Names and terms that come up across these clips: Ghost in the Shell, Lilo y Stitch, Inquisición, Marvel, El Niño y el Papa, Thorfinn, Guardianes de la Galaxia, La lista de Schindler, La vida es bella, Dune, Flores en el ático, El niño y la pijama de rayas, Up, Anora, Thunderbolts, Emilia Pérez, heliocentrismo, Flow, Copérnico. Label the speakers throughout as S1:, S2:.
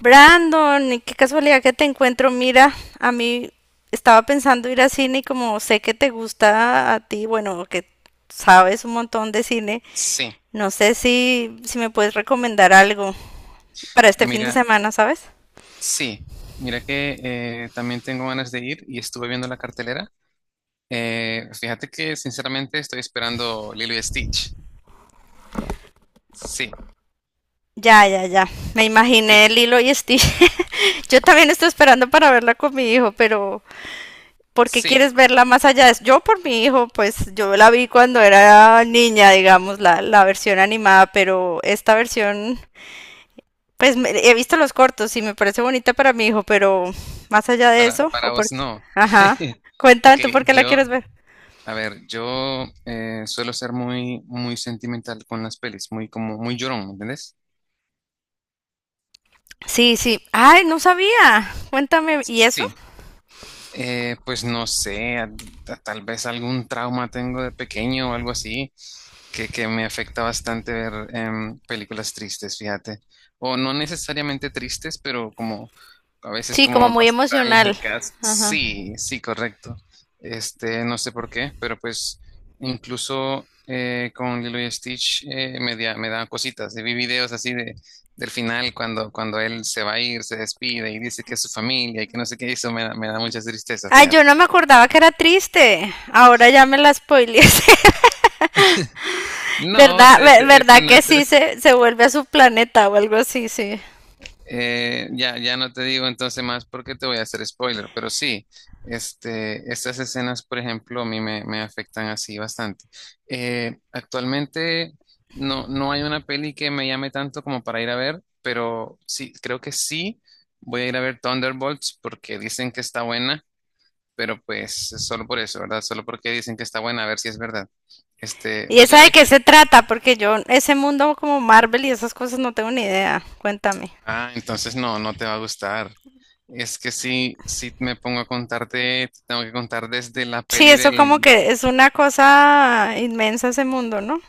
S1: Brandon, y qué casualidad que te encuentro. Mira, a mí estaba pensando ir a cine y como sé que te gusta a ti, bueno, que sabes un montón de cine,
S2: Sí,
S1: no sé si me puedes recomendar algo para este fin de
S2: mira,
S1: semana, ¿sabes?
S2: sí, mira que también tengo ganas de ir y estuve viendo la cartelera. Fíjate que sinceramente estoy esperando Lilo y Stitch. Sí,
S1: Ya, ya, ya. Me imaginé
S2: sí,
S1: Lilo y Stitch. Yo también estoy esperando para verla con mi hijo, pero ¿por qué
S2: sí,
S1: quieres verla más allá? Yo por mi hijo, pues yo la vi cuando era niña, digamos, la versión animada, pero esta versión. He visto los cortos y me parece bonita para mi hijo, pero más allá de
S2: para,
S1: eso, o
S2: para vos
S1: porque...
S2: no.
S1: Ajá. Cuéntame
S2: Ok,
S1: tú por qué la
S2: yo,
S1: quieres ver.
S2: a ver, yo suelo ser muy, muy sentimental con las pelis, muy como, muy llorón, ¿me entendés?
S1: Sí, sí. Ay, no sabía. Cuéntame. ¿Y eso?
S2: Sí, pues no sé, tal vez algún trauma tengo de pequeño o algo así, que me afecta bastante ver películas tristes, fíjate. O no necesariamente tristes, pero como a veces
S1: Sí, como
S2: como
S1: muy emocional.
S2: nostálgicas.
S1: Ajá.
S2: Sí, sí, correcto. Este, no sé por qué, pero pues incluso con Lilo y Stitch me da cositas. Vi videos así del final cuando él se va a ir, se despide y dice que es su familia y que no sé qué hizo, me da mucha tristeza,
S1: Ay,
S2: fíjate.
S1: yo no me acordaba que era triste. Ahora ya me la spoileé.
S2: No, o
S1: ¿Verdad?
S2: sea, ese
S1: ¿Verdad
S2: no
S1: que
S2: es el.
S1: sí se vuelve a su planeta o algo así? Sí.
S2: Ya, ya no te digo entonces más porque te voy a hacer spoiler, pero sí, estas escenas, por ejemplo, a mí me afectan así bastante. Actualmente no hay una peli que me llame tanto como para ir a ver, pero sí, creo que sí voy a ir a ver Thunderbolts porque dicen que está buena. Pero pues es solo por eso, ¿verdad? Solo porque dicen que está buena, a ver si es verdad. Este,
S1: ¿Y
S2: ¿vos ya
S1: esa
S2: la
S1: de
S2: viste?
S1: qué se trata? Porque yo, ese mundo como Marvel y esas cosas no tengo ni idea. Cuéntame.
S2: Ah, entonces no te va a gustar. Es que si me pongo a contarte, te tengo que contar desde la
S1: Sí,
S2: peli
S1: eso
S2: del,
S1: como que es una cosa inmensa ese mundo, ¿no?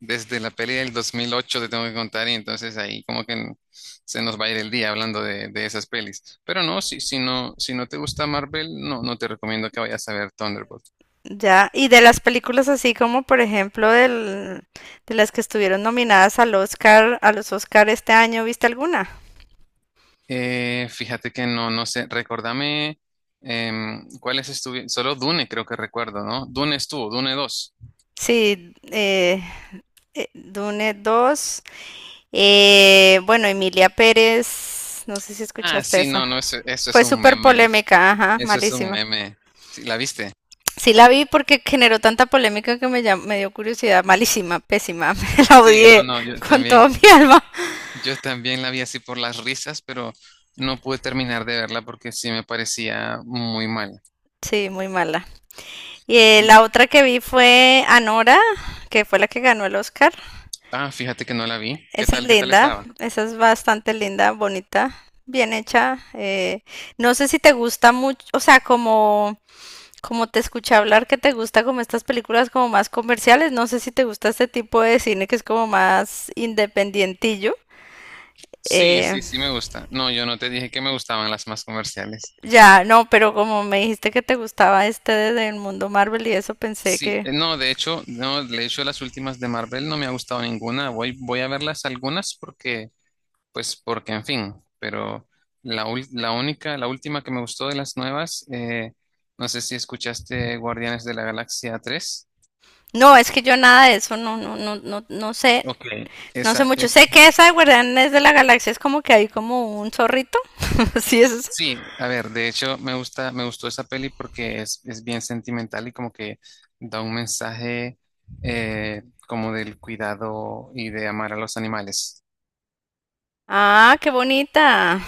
S2: 2008 te tengo que contar y entonces ahí como que se nos va a ir el día hablando de esas pelis. Pero no, si no te gusta Marvel, no te recomiendo que vayas a ver Thunderbolt.
S1: Ya, y de las películas así como por ejemplo del, de las que estuvieron nominadas al Oscar, a los Oscar este año, ¿viste alguna?
S2: Fíjate que no sé. Recordame cuáles estuvieron. Solo Dune creo que recuerdo, ¿no? Dune estuvo, Dune dos.
S1: Sí, Dune dos. Bueno, Emilia Pérez, no sé si
S2: Ah,
S1: escuchaste
S2: sí, no,
S1: esa.
S2: no, eso es
S1: Fue
S2: un
S1: súper
S2: meme.
S1: polémica, ajá,
S2: Eso es un
S1: malísima.
S2: meme. Sí, ¿la viste?
S1: Sí la vi porque generó tanta polémica que me dio curiosidad, malísima, pésima, me la
S2: Sí, no,
S1: odié
S2: no,
S1: con todo mi alma.
S2: yo también la vi así por las risas, pero no pude terminar de verla porque sí me parecía muy mal.
S1: Sí, muy mala. Y
S2: Y-
S1: la otra que vi fue Anora, que fue la que ganó el Oscar.
S2: Ah, fíjate que no la vi. ¿Qué
S1: Esa es
S2: tal, qué tal
S1: linda,
S2: estaba?
S1: esa es bastante linda, bonita, bien hecha. No sé si te gusta mucho, o sea, como, como te escuché hablar que te gusta como estas películas como más comerciales, no sé si te gusta este tipo de cine que es como más independientillo.
S2: Sí,
S1: Eh,
S2: sí, sí me gusta. No, yo no te dije que me gustaban las más comerciales.
S1: ya, no, pero como me dijiste que te gustaba este del mundo Marvel y eso pensé
S2: Sí,
S1: que...
S2: no, de hecho las últimas de Marvel no me ha gustado ninguna. Voy a verlas algunas porque, pues, porque, en fin, pero la última que me gustó de las nuevas, no sé si escuchaste Guardianes de la Galaxia tres.
S1: No, es que yo nada de eso, no, no, no, no, no sé.
S2: Ok.
S1: No sé
S2: Esa
S1: mucho.
S2: es,
S1: Sé que esa de Guardianes de la Galaxia es como que hay como un zorrito. Sí, es esa.
S2: sí, a ver, de hecho me gustó esa peli porque es bien sentimental y como que da un mensaje eh, como del cuidado y de amar a los animales.
S1: Ah, qué bonita.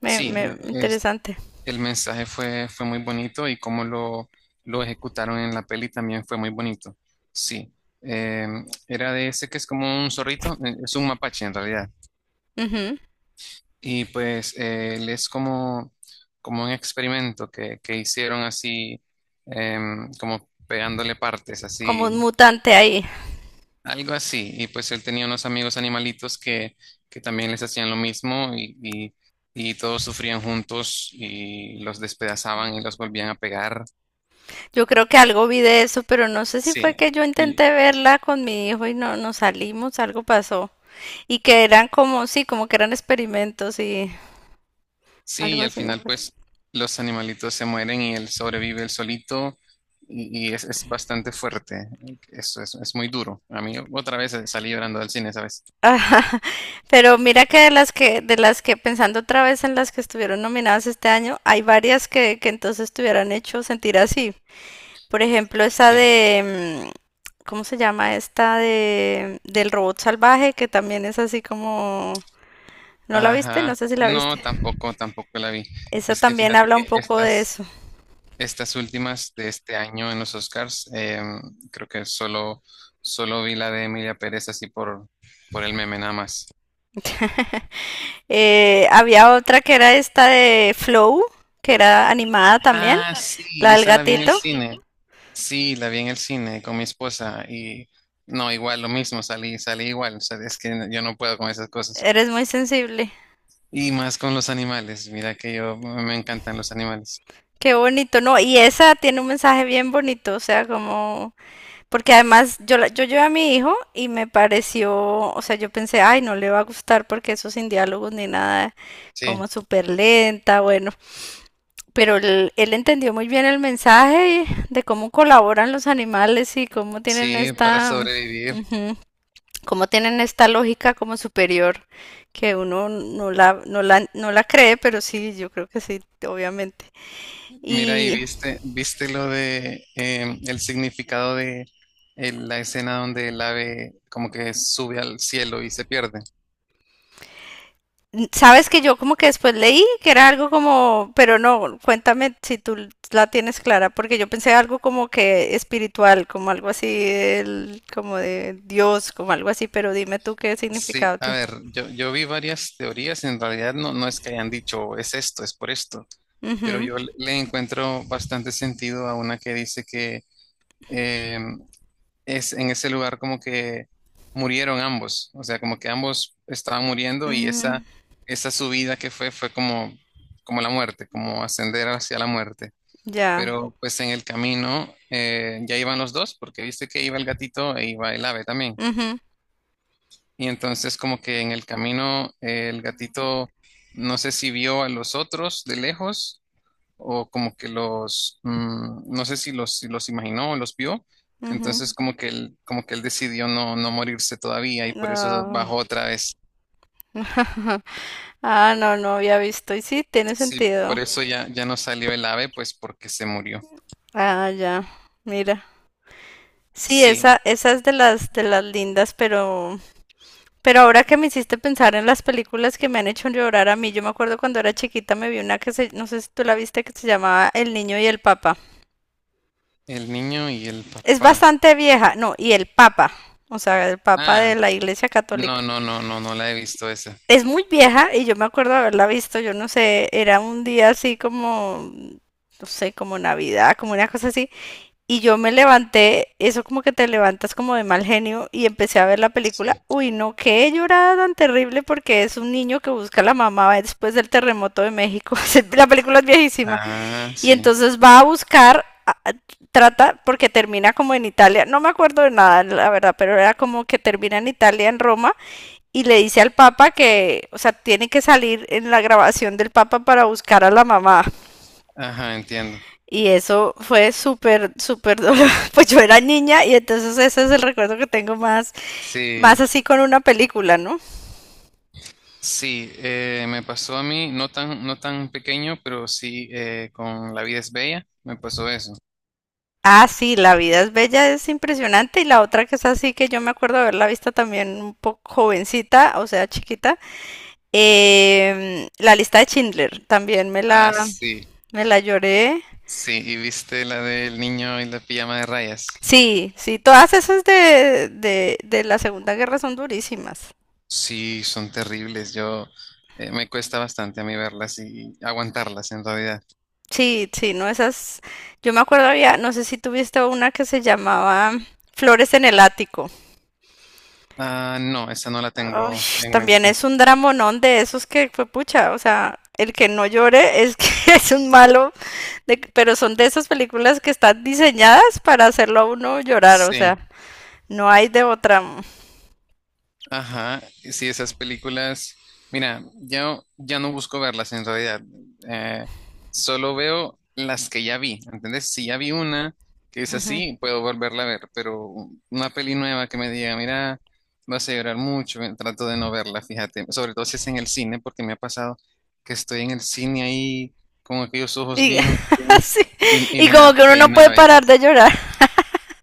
S2: Sí,
S1: Interesante.
S2: el mensaje fue, muy bonito y cómo lo, ejecutaron en la peli también fue muy bonito. Sí, Eh, era de ese que es como un zorrito, es un mapache en realidad.
S1: Ujú.
S2: Y pues él es como, un experimento que, hicieron así, como pegándole partes,
S1: Como un
S2: así,
S1: mutante ahí.
S2: algo así. Y pues él tenía unos amigos animalitos que, también les hacían lo mismo y, todos sufrían juntos y los despedazaban y los volvían a pegar.
S1: Yo creo que algo vi de eso, pero no sé si
S2: Sí,
S1: fue que yo
S2: y,
S1: intenté verla con mi hijo y no nos salimos, algo pasó. Y que eran como, sí, como que eran experimentos y
S2: sí,
S1: algo
S2: y al
S1: así me
S2: final
S1: acuerdo.
S2: pues los animalitos se mueren y él sobrevive él solito y, es, bastante fuerte. Eso es, muy duro. A mí otra vez salí llorando del cine, ¿sabes?
S1: Pero mira que de las que, pensando otra vez en las que estuvieron nominadas este año, hay varias que entonces te hubieran hecho sentir así. Por ejemplo, esa
S2: Sí.
S1: de, ¿cómo se llama? Esta de, del robot salvaje, que también es así como, ¿no la viste? No
S2: Ajá.
S1: sé si la
S2: No,
S1: viste.
S2: tampoco la vi.
S1: Esa
S2: Es que
S1: también
S2: fíjate
S1: habla un
S2: que
S1: poco de
S2: estas,
S1: eso.
S2: últimas de este año en los Oscars, creo que solo, vi la de Emilia Pérez así por, el meme nada más.
S1: Había otra que era esta de Flow, que era animada también,
S2: Ah, sí,
S1: la del
S2: esa la vi en el
S1: gatito.
S2: cine. Sí, la vi en el cine con mi esposa y no, igual lo mismo, salí, igual, o sea, es que yo no puedo con esas cosas.
S1: Eres muy sensible.
S2: Y más con los animales, mira que yo me encantan los animales.
S1: Qué bonito, ¿no? Y esa tiene un mensaje bien bonito, o sea, como... Porque además yo, yo llevé a mi hijo y me pareció, o sea, yo pensé, ay, no le va a gustar porque eso sin diálogos ni nada,
S2: Sí,
S1: como súper lenta, bueno, pero él entendió muy bien el mensaje de cómo colaboran los animales y cómo tienen
S2: sí, para
S1: esta,
S2: sobrevivir.
S1: ujú, cómo tienen esta lógica como superior que uno no la cree, pero sí, yo creo que sí, obviamente.
S2: Mira, y
S1: Y
S2: viste, lo de el significado de la escena donde el ave como que sube al cielo y se pierde.
S1: sabes que yo como que después leí que era algo como, pero no, cuéntame si tú la tienes clara, porque yo pensé algo como que espiritual, como algo así, como de Dios, como algo así, pero dime tú qué
S2: Sí,
S1: significado
S2: a
S1: tiene.
S2: ver, yo, vi varias teorías, en realidad no, es que hayan dicho es esto, es por esto. Pero
S1: Ujú.
S2: yo le encuentro bastante sentido a una que dice que eh, es en ese lugar como que murieron ambos, o sea, como que ambos estaban muriendo y
S1: Mm,
S2: esa, subida que fue como, la muerte, como ascender hacia la muerte.
S1: ya.
S2: Pero pues en el camino ya iban los dos, porque viste que iba el gatito e iba el ave también.
S1: Ujú,
S2: Y entonces como que en el camino el gatito no sé si vio a los otros de lejos o como que no sé si si los imaginó o los vio,
S1: ujú.
S2: entonces como que él decidió no, morirse todavía y por eso
S1: No.
S2: bajó otra vez.
S1: Ah, no, no había visto. Y sí, tiene
S2: Sí, por
S1: sentido.
S2: eso ya, ya no salió el ave, pues porque se murió.
S1: Ah, ya. Mira. Sí,
S2: Sí,
S1: esa es de las lindas, pero... Pero ahora que me hiciste pensar en las películas que me han hecho llorar a mí, yo me acuerdo cuando era chiquita me vi una que no sé si tú la viste, que se llamaba El Niño y el Papa.
S2: el niño y el
S1: Es
S2: papá.
S1: bastante vieja, no, y el Papa, o sea, el Papa de
S2: Ah,
S1: la Iglesia
S2: no,
S1: Católica.
S2: no, no, no, no la he visto esa.
S1: Es muy vieja y yo me acuerdo haberla visto, yo no sé, era un día así como, no sé, como Navidad, como una cosa así. Y yo me levanté, eso como que te levantas como de mal genio y empecé a ver la
S2: Sí.
S1: película. Uy, no, qué llorada tan terrible porque es un niño que busca a la mamá después del terremoto de México. La película es viejísima.
S2: Ah,
S1: Y
S2: sí.
S1: entonces va a buscar, trata, porque termina como en Italia. No me acuerdo de nada, la verdad, pero era como que termina en Italia, en Roma, y le dice al Papa que, o sea, tiene que salir en la grabación del Papa para buscar a la mamá.
S2: Ajá, entiendo.
S1: Y eso fue súper, súper doloroso. Pues yo era niña y entonces ese es el recuerdo que tengo más,
S2: Sí,
S1: más así con una película, ¿no?
S2: sí, me pasó a mí, no tan, pequeño, pero sí con La vida es bella, me pasó eso.
S1: Ah, sí, La vida es bella, es impresionante. Y la otra que es así, que yo me acuerdo haberla vista también un poco jovencita, o sea, chiquita. La lista de Schindler, también
S2: Ah, sí,
S1: me la lloré.
S2: sí, y viste la del niño y la pijama de rayas.
S1: Sí, sí, todas esas de la Segunda Guerra son durísimas.
S2: Sí, son terribles. Yo me cuesta bastante a mí verlas y aguantarlas en realidad.
S1: Sí, sí, no esas. Yo me acuerdo había, no sé si tuviste una que se llamaba Flores en el ático.
S2: Ah, no, esa no la
S1: Ay,
S2: tengo en
S1: también
S2: mente.
S1: es un dramonón de esos que fue pucha, o sea, el que no llore es que es un malo, pero son de esas películas que están diseñadas para hacerlo a uno llorar, o sea,
S2: Sí,
S1: no hay de otra.
S2: ajá, sí, esas películas, mira, ya, ya no busco verlas en realidad, eh, solo veo las que ya vi, ¿entendés? Si ya vi una que es
S1: Ujú.
S2: así, puedo volverla a ver, pero una peli nueva que me diga, mira, vas a llorar mucho, trato de no verla, fíjate, sobre todo si es en el cine, porque me ha pasado que estoy en el cine ahí con aquellos ojos
S1: Y
S2: bien, bien,
S1: sí,
S2: y,
S1: y
S2: me da
S1: como que uno no
S2: pena
S1: puede
S2: a
S1: parar
S2: veces,
S1: de llorar.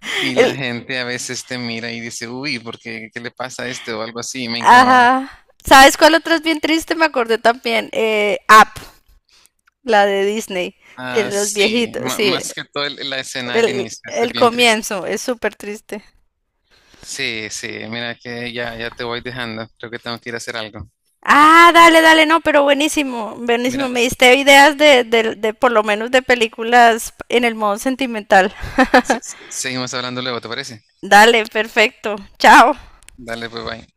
S2: y la
S1: El-
S2: gente a veces te mira y dice, uy, ¿por ¿qué qué le pasa a este o algo así? Y me incomoda.
S1: ajá. ¿Sabes cuál otra es bien triste? Me acordé también. Up. La de Disney, de
S2: Ah,
S1: los
S2: sí,
S1: viejitos, sí.
S2: más que todo la escena del inicio, eso es
S1: El
S2: bien triste.
S1: comienzo es súper triste.
S2: Sí, sí, mira que ya, ya te voy dejando, creo que tengo que ir a hacer algo.
S1: Ah, dale, dale, no, pero buenísimo, buenísimo.
S2: Mira,
S1: Me diste ideas de por lo menos de películas en el modo sentimental.
S2: seguimos hablando luego, ¿te parece?
S1: Dale, perfecto. Chao.
S2: Dale, pues bye.